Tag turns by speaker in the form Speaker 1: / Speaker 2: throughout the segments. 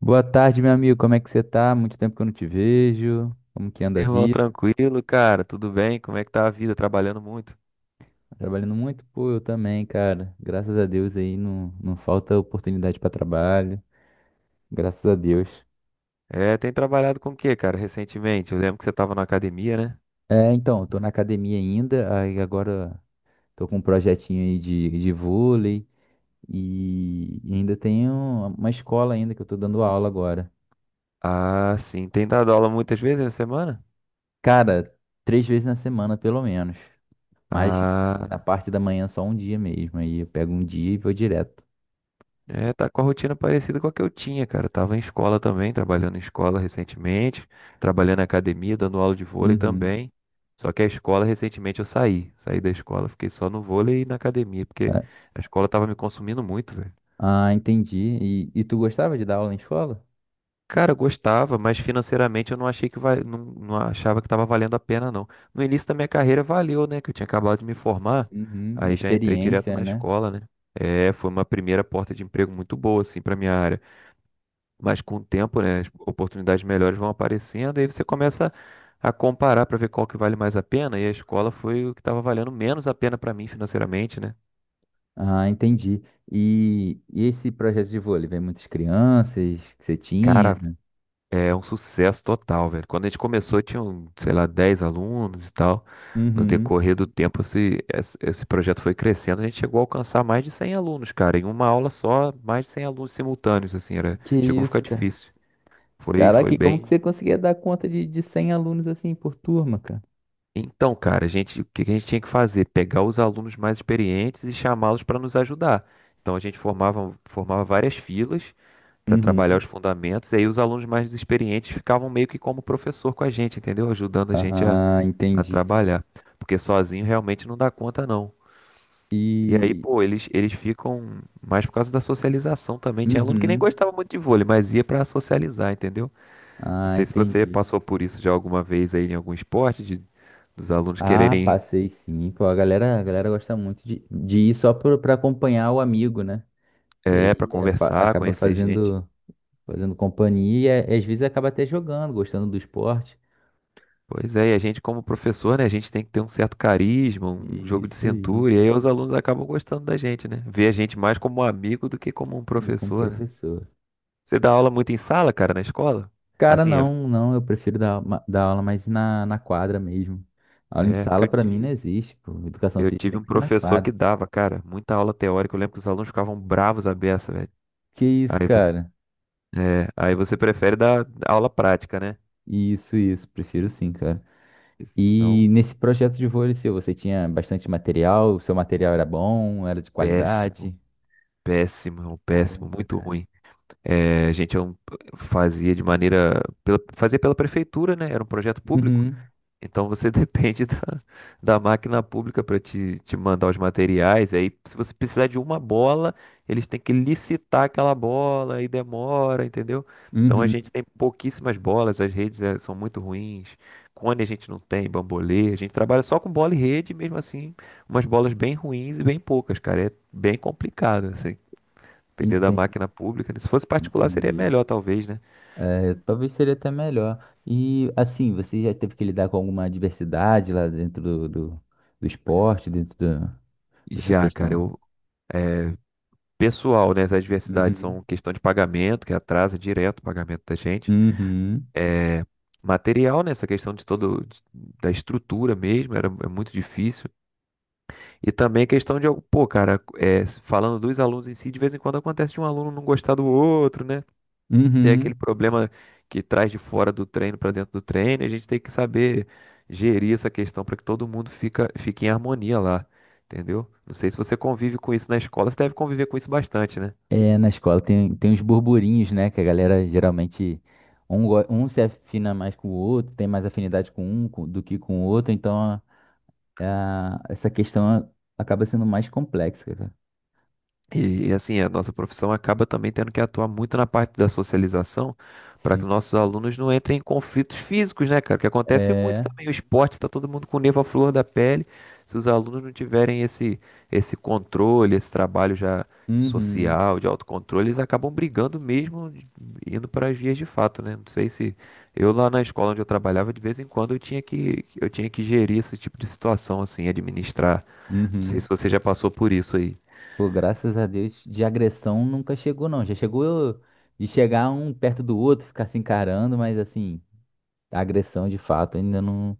Speaker 1: Boa tarde, meu amigo. Como é que você tá? Muito tempo que eu não te vejo. Como que anda a
Speaker 2: Irmão,
Speaker 1: vida?
Speaker 2: tranquilo, cara? Tudo bem? Como é que tá a vida? Trabalhando muito?
Speaker 1: Trabalhando muito? Pô, eu também, cara. Graças a Deus aí não falta oportunidade para trabalho. Graças a Deus.
Speaker 2: É, tem trabalhado com o quê, cara, recentemente? Eu lembro que você tava na academia, né?
Speaker 1: É, então, eu tô na academia ainda. Aí agora tô com um projetinho aí de vôlei e ainda tenho uma escola ainda que eu tô dando aula agora.
Speaker 2: Ah, sim. Tem dado aula muitas vezes na semana?
Speaker 1: Cara, três vezes na semana, pelo menos. Mas na
Speaker 2: Ah,
Speaker 1: parte da manhã só um dia mesmo. Aí eu pego um dia e vou direto.
Speaker 2: é, tá com a rotina parecida com a que eu tinha, cara. Eu tava em escola também, trabalhando em escola recentemente, trabalhando na academia, dando aula de vôlei
Speaker 1: Uhum.
Speaker 2: também. Só que a escola, recentemente, eu saí. Saí da escola, fiquei só no vôlei e na academia, porque a escola tava me consumindo muito, velho.
Speaker 1: Ah, entendi. E tu gostava de dar aula em escola?
Speaker 2: Cara, eu gostava, mas financeiramente eu não achei que vai, não, não achava que estava valendo a pena, não. No início da minha carreira valeu, né? Que eu tinha acabado de me formar,
Speaker 1: Uhum, a
Speaker 2: aí já entrei direto
Speaker 1: experiência,
Speaker 2: na
Speaker 1: né?
Speaker 2: escola, né? É, foi uma primeira porta de emprego muito boa, assim, para minha área. Mas com o tempo, né, as oportunidades melhores vão aparecendo, aí você começa a comparar para ver qual que vale mais a pena, e a escola foi o que estava valendo menos a pena para mim financeiramente, né?
Speaker 1: Ah, entendi. E esse projeto de vôlei, vem muitas crianças que você tinha?
Speaker 2: Cara, é um sucesso total, velho. Quando a gente começou, tinham, sei lá, 10 alunos e tal. No
Speaker 1: Uhum.
Speaker 2: decorrer do tempo, esse projeto foi crescendo. A gente chegou a alcançar mais de 100 alunos, cara. Em uma aula só, mais de 100 alunos simultâneos, assim, era,
Speaker 1: Que
Speaker 2: chegou a ficar
Speaker 1: isso, cara.
Speaker 2: difícil. Foi,
Speaker 1: Caraca,
Speaker 2: foi
Speaker 1: e como que
Speaker 2: bem.
Speaker 1: você conseguia dar conta de 100 alunos assim por turma, cara?
Speaker 2: Então, cara, a gente, o que que a gente tinha que fazer? Pegar os alunos mais experientes e chamá-los para nos ajudar. Então, a gente formava, formava várias filas para trabalhar os
Speaker 1: Uhum.
Speaker 2: fundamentos, e aí os alunos mais experientes ficavam meio que como professor com a gente, entendeu? Ajudando a gente a
Speaker 1: Ah,
Speaker 2: a
Speaker 1: entendi.
Speaker 2: trabalhar, porque sozinho realmente não dá conta não. E aí,
Speaker 1: E.
Speaker 2: pô, eles ficam mais por causa da socialização também. Tinha aluno que nem
Speaker 1: Uhum.
Speaker 2: gostava muito de vôlei, mas ia pra socializar, entendeu? Não
Speaker 1: Ah,
Speaker 2: sei se você
Speaker 1: entendi.
Speaker 2: passou por isso já alguma vez aí em algum esporte, de, dos alunos
Speaker 1: Ah,
Speaker 2: quererem,
Speaker 1: passei sim. Pô, a galera gosta muito de ir só pra acompanhar o amigo, né? E
Speaker 2: é, para
Speaker 1: aí é,
Speaker 2: conversar,
Speaker 1: acaba
Speaker 2: conhecer gente.
Speaker 1: fazendo companhia e é, às vezes acaba até jogando, gostando do esporte.
Speaker 2: Pois é, e a gente como professor, né, a gente tem que ter um certo carisma, um
Speaker 1: E
Speaker 2: jogo de
Speaker 1: isso aí,
Speaker 2: cintura, e aí os alunos acabam gostando da gente, né? Vê a gente mais como um amigo do que como um
Speaker 1: eu como
Speaker 2: professor, né?
Speaker 1: professor.
Speaker 2: Você dá aula muito em sala, cara, na escola?
Speaker 1: Cara,
Speaker 2: Assim, é,
Speaker 1: não, eu prefiro dar, dar aula mais na, na quadra mesmo. Aula em
Speaker 2: é, porque
Speaker 1: sala
Speaker 2: eu
Speaker 1: pra mim não
Speaker 2: tive,
Speaker 1: existe, pô. Educação
Speaker 2: eu
Speaker 1: física
Speaker 2: tive
Speaker 1: tem
Speaker 2: um
Speaker 1: que ser na
Speaker 2: professor que
Speaker 1: quadra.
Speaker 2: dava, cara, muita aula teórica. Eu lembro que os alunos ficavam bravos à beça, velho.
Speaker 1: Que
Speaker 2: Aí
Speaker 1: isso,
Speaker 2: você,
Speaker 1: cara?
Speaker 2: é, aí você prefere dar aula prática, né?
Speaker 1: Isso, prefiro sim, cara. E
Speaker 2: Não,
Speaker 1: nesse projeto de vôlei seu, você tinha bastante material? O seu material era bom? Era de
Speaker 2: péssimo,
Speaker 1: qualidade?
Speaker 2: péssimo, é um péssimo,
Speaker 1: Caramba,
Speaker 2: muito
Speaker 1: cara.
Speaker 2: ruim. É, a gente é um- fazia de maneira, pela, fazia pela prefeitura, né? Era um projeto público.
Speaker 1: Uhum,
Speaker 2: Então você depende da, da máquina pública para te, te mandar os materiais. Aí, se você precisar de uma bola, eles têm que licitar aquela bola e demora, entendeu? Então a
Speaker 1: uhum.
Speaker 2: gente tem pouquíssimas bolas, as redes são muito ruins. Cone a gente não tem, bambolê. A gente trabalha só com bola e rede, mesmo assim, umas bolas bem ruins e bem poucas, cara. É bem complicado, assim. Depender da
Speaker 1: Entendi,
Speaker 2: máquina pública, né? Se fosse particular, seria
Speaker 1: entendi.
Speaker 2: melhor, talvez, né?
Speaker 1: É, talvez seria até melhor. E assim, você já teve que lidar com alguma adversidade lá dentro do esporte, dessa
Speaker 2: Já, cara,
Speaker 1: questão?
Speaker 2: eu. Pessoal, né? As adversidades são
Speaker 1: Uhum.
Speaker 2: questão de pagamento, que atrasa direto o pagamento da gente.
Speaker 1: Uhum.
Speaker 2: É, material, né? Essa questão de todo de- da estrutura mesmo, era é muito difícil. E também a questão de, algo- pô, cara, é, falando dos alunos em si, de vez em quando acontece de um aluno não gostar do outro, né? Tem aquele
Speaker 1: Uhum.
Speaker 2: problema que traz de fora do treino para dentro do treino, e a gente tem que saber gerir essa questão para que todo mundo fica, fique em harmonia lá, entendeu? Não sei se você convive com isso na escola, você deve conviver com isso bastante, né?
Speaker 1: É, na escola tem, tem uns burburinhos, né? Que a galera geralmente. Um se afina mais com o outro, tem mais afinidade com um do que com o outro, essa questão acaba sendo mais complexa, cara.
Speaker 2: E, assim, a nossa profissão acaba também tendo que atuar muito na parte da socialização para que
Speaker 1: Sim.
Speaker 2: nossos alunos não entrem em conflitos físicos, né, cara? Que acontece muito
Speaker 1: É.
Speaker 2: também. O esporte tá todo mundo com o nervo à flor da pele. Se os alunos não tiverem esse, esse controle, esse trabalho já
Speaker 1: Uhum.
Speaker 2: social, de autocontrole, eles acabam brigando mesmo, indo para as vias de fato, né? Não sei se eu lá na escola onde eu trabalhava, de vez em quando eu tinha que gerir esse tipo de situação assim, administrar. Não sei se
Speaker 1: Uhum.
Speaker 2: você já passou por isso aí.
Speaker 1: Pô, graças a Deus, de agressão nunca chegou, não. Já chegou de chegar um perto do outro, ficar se encarando, mas assim, agressão de fato ainda não,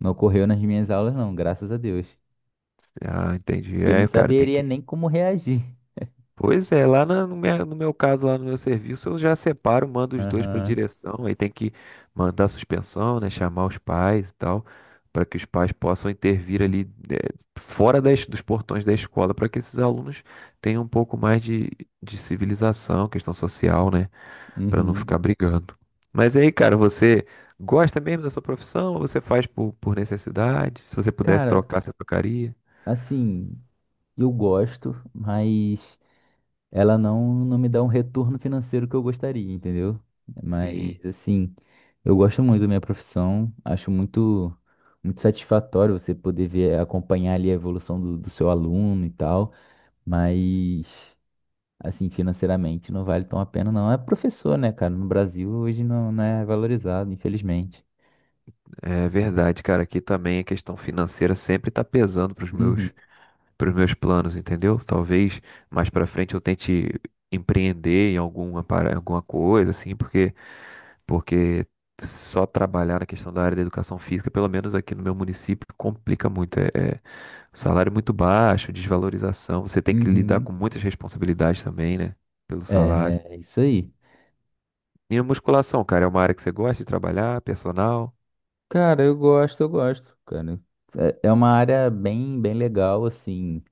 Speaker 1: não ocorreu nas minhas aulas, não, graças a Deus.
Speaker 2: Ah, entendi.
Speaker 1: Que eu não
Speaker 2: É, o cara tem
Speaker 1: saberia
Speaker 2: que.
Speaker 1: nem como reagir.
Speaker 2: Pois é, lá na- no meu, no meu caso, lá no meu serviço, eu já separo, mando os dois para
Speaker 1: Aham.
Speaker 2: direção, aí tem que mandar suspensão, né, chamar os pais e tal, para que os pais possam intervir ali, né, fora das, dos portões da escola, para que esses alunos tenham um pouco mais de civilização, questão social, né, para não
Speaker 1: Uhum.
Speaker 2: ficar brigando. Mas aí, cara, você gosta mesmo da sua profissão ou você faz por necessidade? Se você pudesse
Speaker 1: Cara,
Speaker 2: trocar, você trocaria?
Speaker 1: assim, eu gosto, mas ela não me dá um retorno financeiro que eu gostaria, entendeu? Mas,
Speaker 2: Sim.
Speaker 1: assim, eu gosto muito da minha profissão, acho muito, muito satisfatório você poder ver, acompanhar ali a evolução do seu aluno e tal, mas, assim, financeiramente não vale tão a pena, não. É professor, né, cara? No Brasil hoje não é valorizado, infelizmente.
Speaker 2: É verdade, cara. Aqui também a questão financeira sempre tá pesando para os
Speaker 1: Uhum,
Speaker 2: meus, pros meus planos, entendeu? Talvez mais para frente eu tente empreender em alguma, para- alguma coisa, assim, porque, porque só trabalhar na questão da área da educação física, pelo menos aqui no meu município, complica muito. É, é salário muito baixo, desvalorização. Você tem que lidar
Speaker 1: uhum.
Speaker 2: com muitas responsabilidades também, né? Pelo salário.
Speaker 1: É, é isso aí.
Speaker 2: E a musculação, cara, é uma área que você gosta de trabalhar, personal?
Speaker 1: Cara, eu gosto, cara. É é uma área bem, bem legal, assim.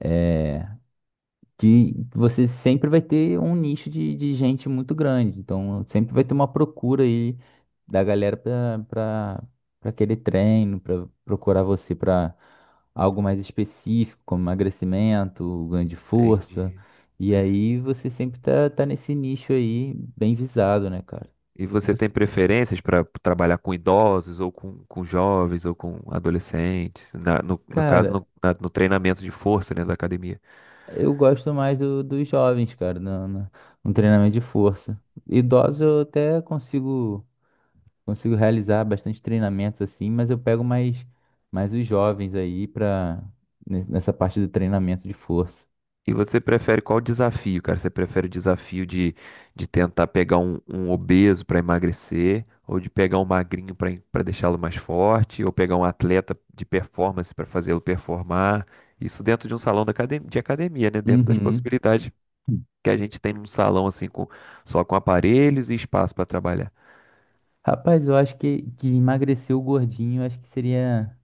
Speaker 1: É, que você sempre vai ter um nicho de gente muito grande. Então, sempre vai ter uma procura aí da galera para aquele treino, para procurar você para algo mais específico, como emagrecimento, ganho de força.
Speaker 2: Entendi.
Speaker 1: E aí você sempre tá nesse nicho aí bem visado, né, cara?
Speaker 2: E você tem
Speaker 1: Você-
Speaker 2: preferências para trabalhar com idosos, ou com jovens, ou com adolescentes, na- no, no caso,
Speaker 1: Cara,
Speaker 2: no, na- no treinamento de força, né, da academia.
Speaker 1: eu gosto mais dos jovens, cara, no treinamento de força. Idosos eu até consigo realizar bastante treinamentos assim, mas eu pego mais os jovens aí para nessa parte do treinamento de força.
Speaker 2: E você prefere qual desafio, cara? Você prefere o desafio de tentar pegar um, um obeso para emagrecer, ou de pegar um magrinho para deixá-lo mais forte, ou pegar um atleta de performance para fazê-lo performar? Isso dentro de um salão da academ- de academia, né? Dentro das
Speaker 1: Uhum.
Speaker 2: possibilidades que a gente tem num salão assim, com, só com aparelhos e espaço para trabalhar.
Speaker 1: Rapaz, eu acho que emagrecer o gordinho, eu acho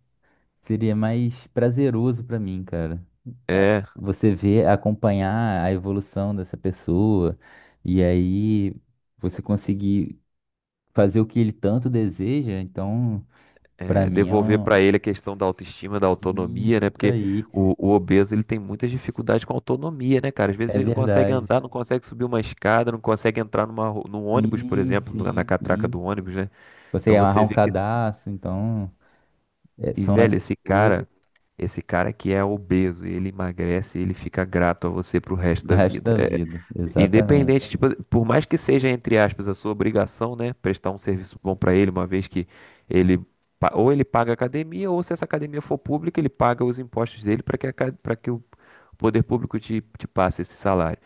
Speaker 1: seria mais prazeroso pra mim, cara. É,
Speaker 2: É,
Speaker 1: você vê acompanhar a evolução dessa pessoa e aí você conseguir fazer o que ele tanto deseja, então, pra
Speaker 2: é,
Speaker 1: mim é
Speaker 2: devolver
Speaker 1: um...
Speaker 2: para ele a questão da autoestima, da autonomia, né?
Speaker 1: Isso
Speaker 2: Porque
Speaker 1: aí,
Speaker 2: o obeso ele tem muitas dificuldades com autonomia, né, cara? Às vezes
Speaker 1: é
Speaker 2: ele não consegue
Speaker 1: verdade.
Speaker 2: andar, não consegue subir uma escada, não consegue entrar numa, ru- num ônibus, por
Speaker 1: Sim,
Speaker 2: exemplo, no- na
Speaker 1: sim,
Speaker 2: catraca do
Speaker 1: sim.
Speaker 2: ônibus, né? Então
Speaker 1: Consegue amarrar
Speaker 2: você
Speaker 1: um
Speaker 2: vê que
Speaker 1: cadastro, então é,
Speaker 2: e,
Speaker 1: são
Speaker 2: velho,
Speaker 1: essas
Speaker 2: esse
Speaker 1: coisas
Speaker 2: cara, esse cara que é obeso, ele emagrece e ele fica grato a você pro resto
Speaker 1: no
Speaker 2: da
Speaker 1: resto
Speaker 2: vida.
Speaker 1: da
Speaker 2: É,
Speaker 1: vida, exatamente.
Speaker 2: independente, tipo, por mais que seja, entre aspas, a sua obrigação, né? Prestar um serviço bom pra ele, uma vez que ele, pa- ou ele paga a academia, ou se essa academia for pública, ele paga os impostos dele para que, a ca- pra que o poder público te, te passe esse salário.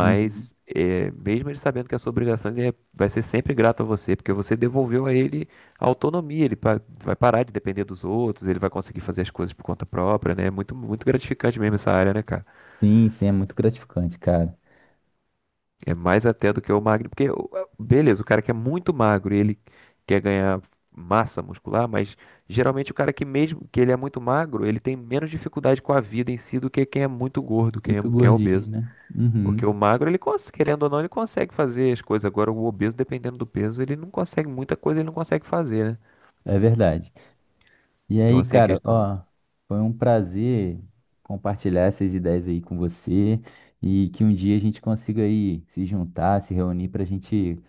Speaker 1: Uhum.
Speaker 2: é, mesmo ele sabendo que a sua obrigação, ele é- vai ser sempre grato a você, porque você devolveu a ele a autonomia, ele pa- vai parar de depender dos outros, ele vai conseguir fazer as coisas por conta própria, né? É muito, muito gratificante mesmo essa área, né, cara?
Speaker 1: Sim, sim, é muito gratificante, cara.
Speaker 2: É mais até do que o magro, porque, o- beleza, o cara que é muito magro e ele quer ganhar massa muscular, mas geralmente o cara que mesmo que ele é muito magro, ele tem menos dificuldade com a vida em si do que quem é muito gordo,
Speaker 1: Muito
Speaker 2: quem é
Speaker 1: gordinho,
Speaker 2: obeso.
Speaker 1: né?
Speaker 2: Porque
Speaker 1: Uhum,
Speaker 2: o magro, ele cons- querendo ou não, ele consegue fazer as coisas. Agora, o obeso, dependendo do peso, ele não consegue, muita coisa ele não consegue fazer, né?
Speaker 1: é verdade. E
Speaker 2: Então,
Speaker 1: aí,
Speaker 2: assim, a
Speaker 1: cara,
Speaker 2: questão.
Speaker 1: ó, foi um prazer compartilhar essas ideias aí com você e que um dia a gente consiga aí se juntar, se reunir para a gente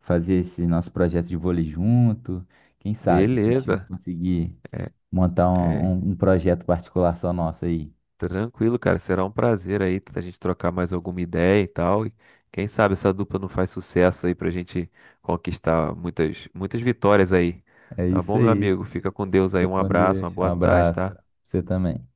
Speaker 1: fazer esse nosso projeto de vôlei junto. Quem sabe a gente
Speaker 2: Beleza.
Speaker 1: conseguir
Speaker 2: É,
Speaker 1: montar um,
Speaker 2: é.
Speaker 1: um projeto com articulação nossa aí.
Speaker 2: Tranquilo, cara. Será um prazer aí a gente trocar mais alguma ideia e tal. E quem sabe essa dupla não faz sucesso aí pra gente conquistar muitas, muitas vitórias aí.
Speaker 1: É
Speaker 2: Tá
Speaker 1: isso
Speaker 2: bom, meu
Speaker 1: aí.
Speaker 2: amigo? Fica com Deus aí.
Speaker 1: Fica
Speaker 2: Um
Speaker 1: com
Speaker 2: abraço, uma
Speaker 1: Deus. Um
Speaker 2: boa tarde,
Speaker 1: abraço.
Speaker 2: tá?
Speaker 1: Você também.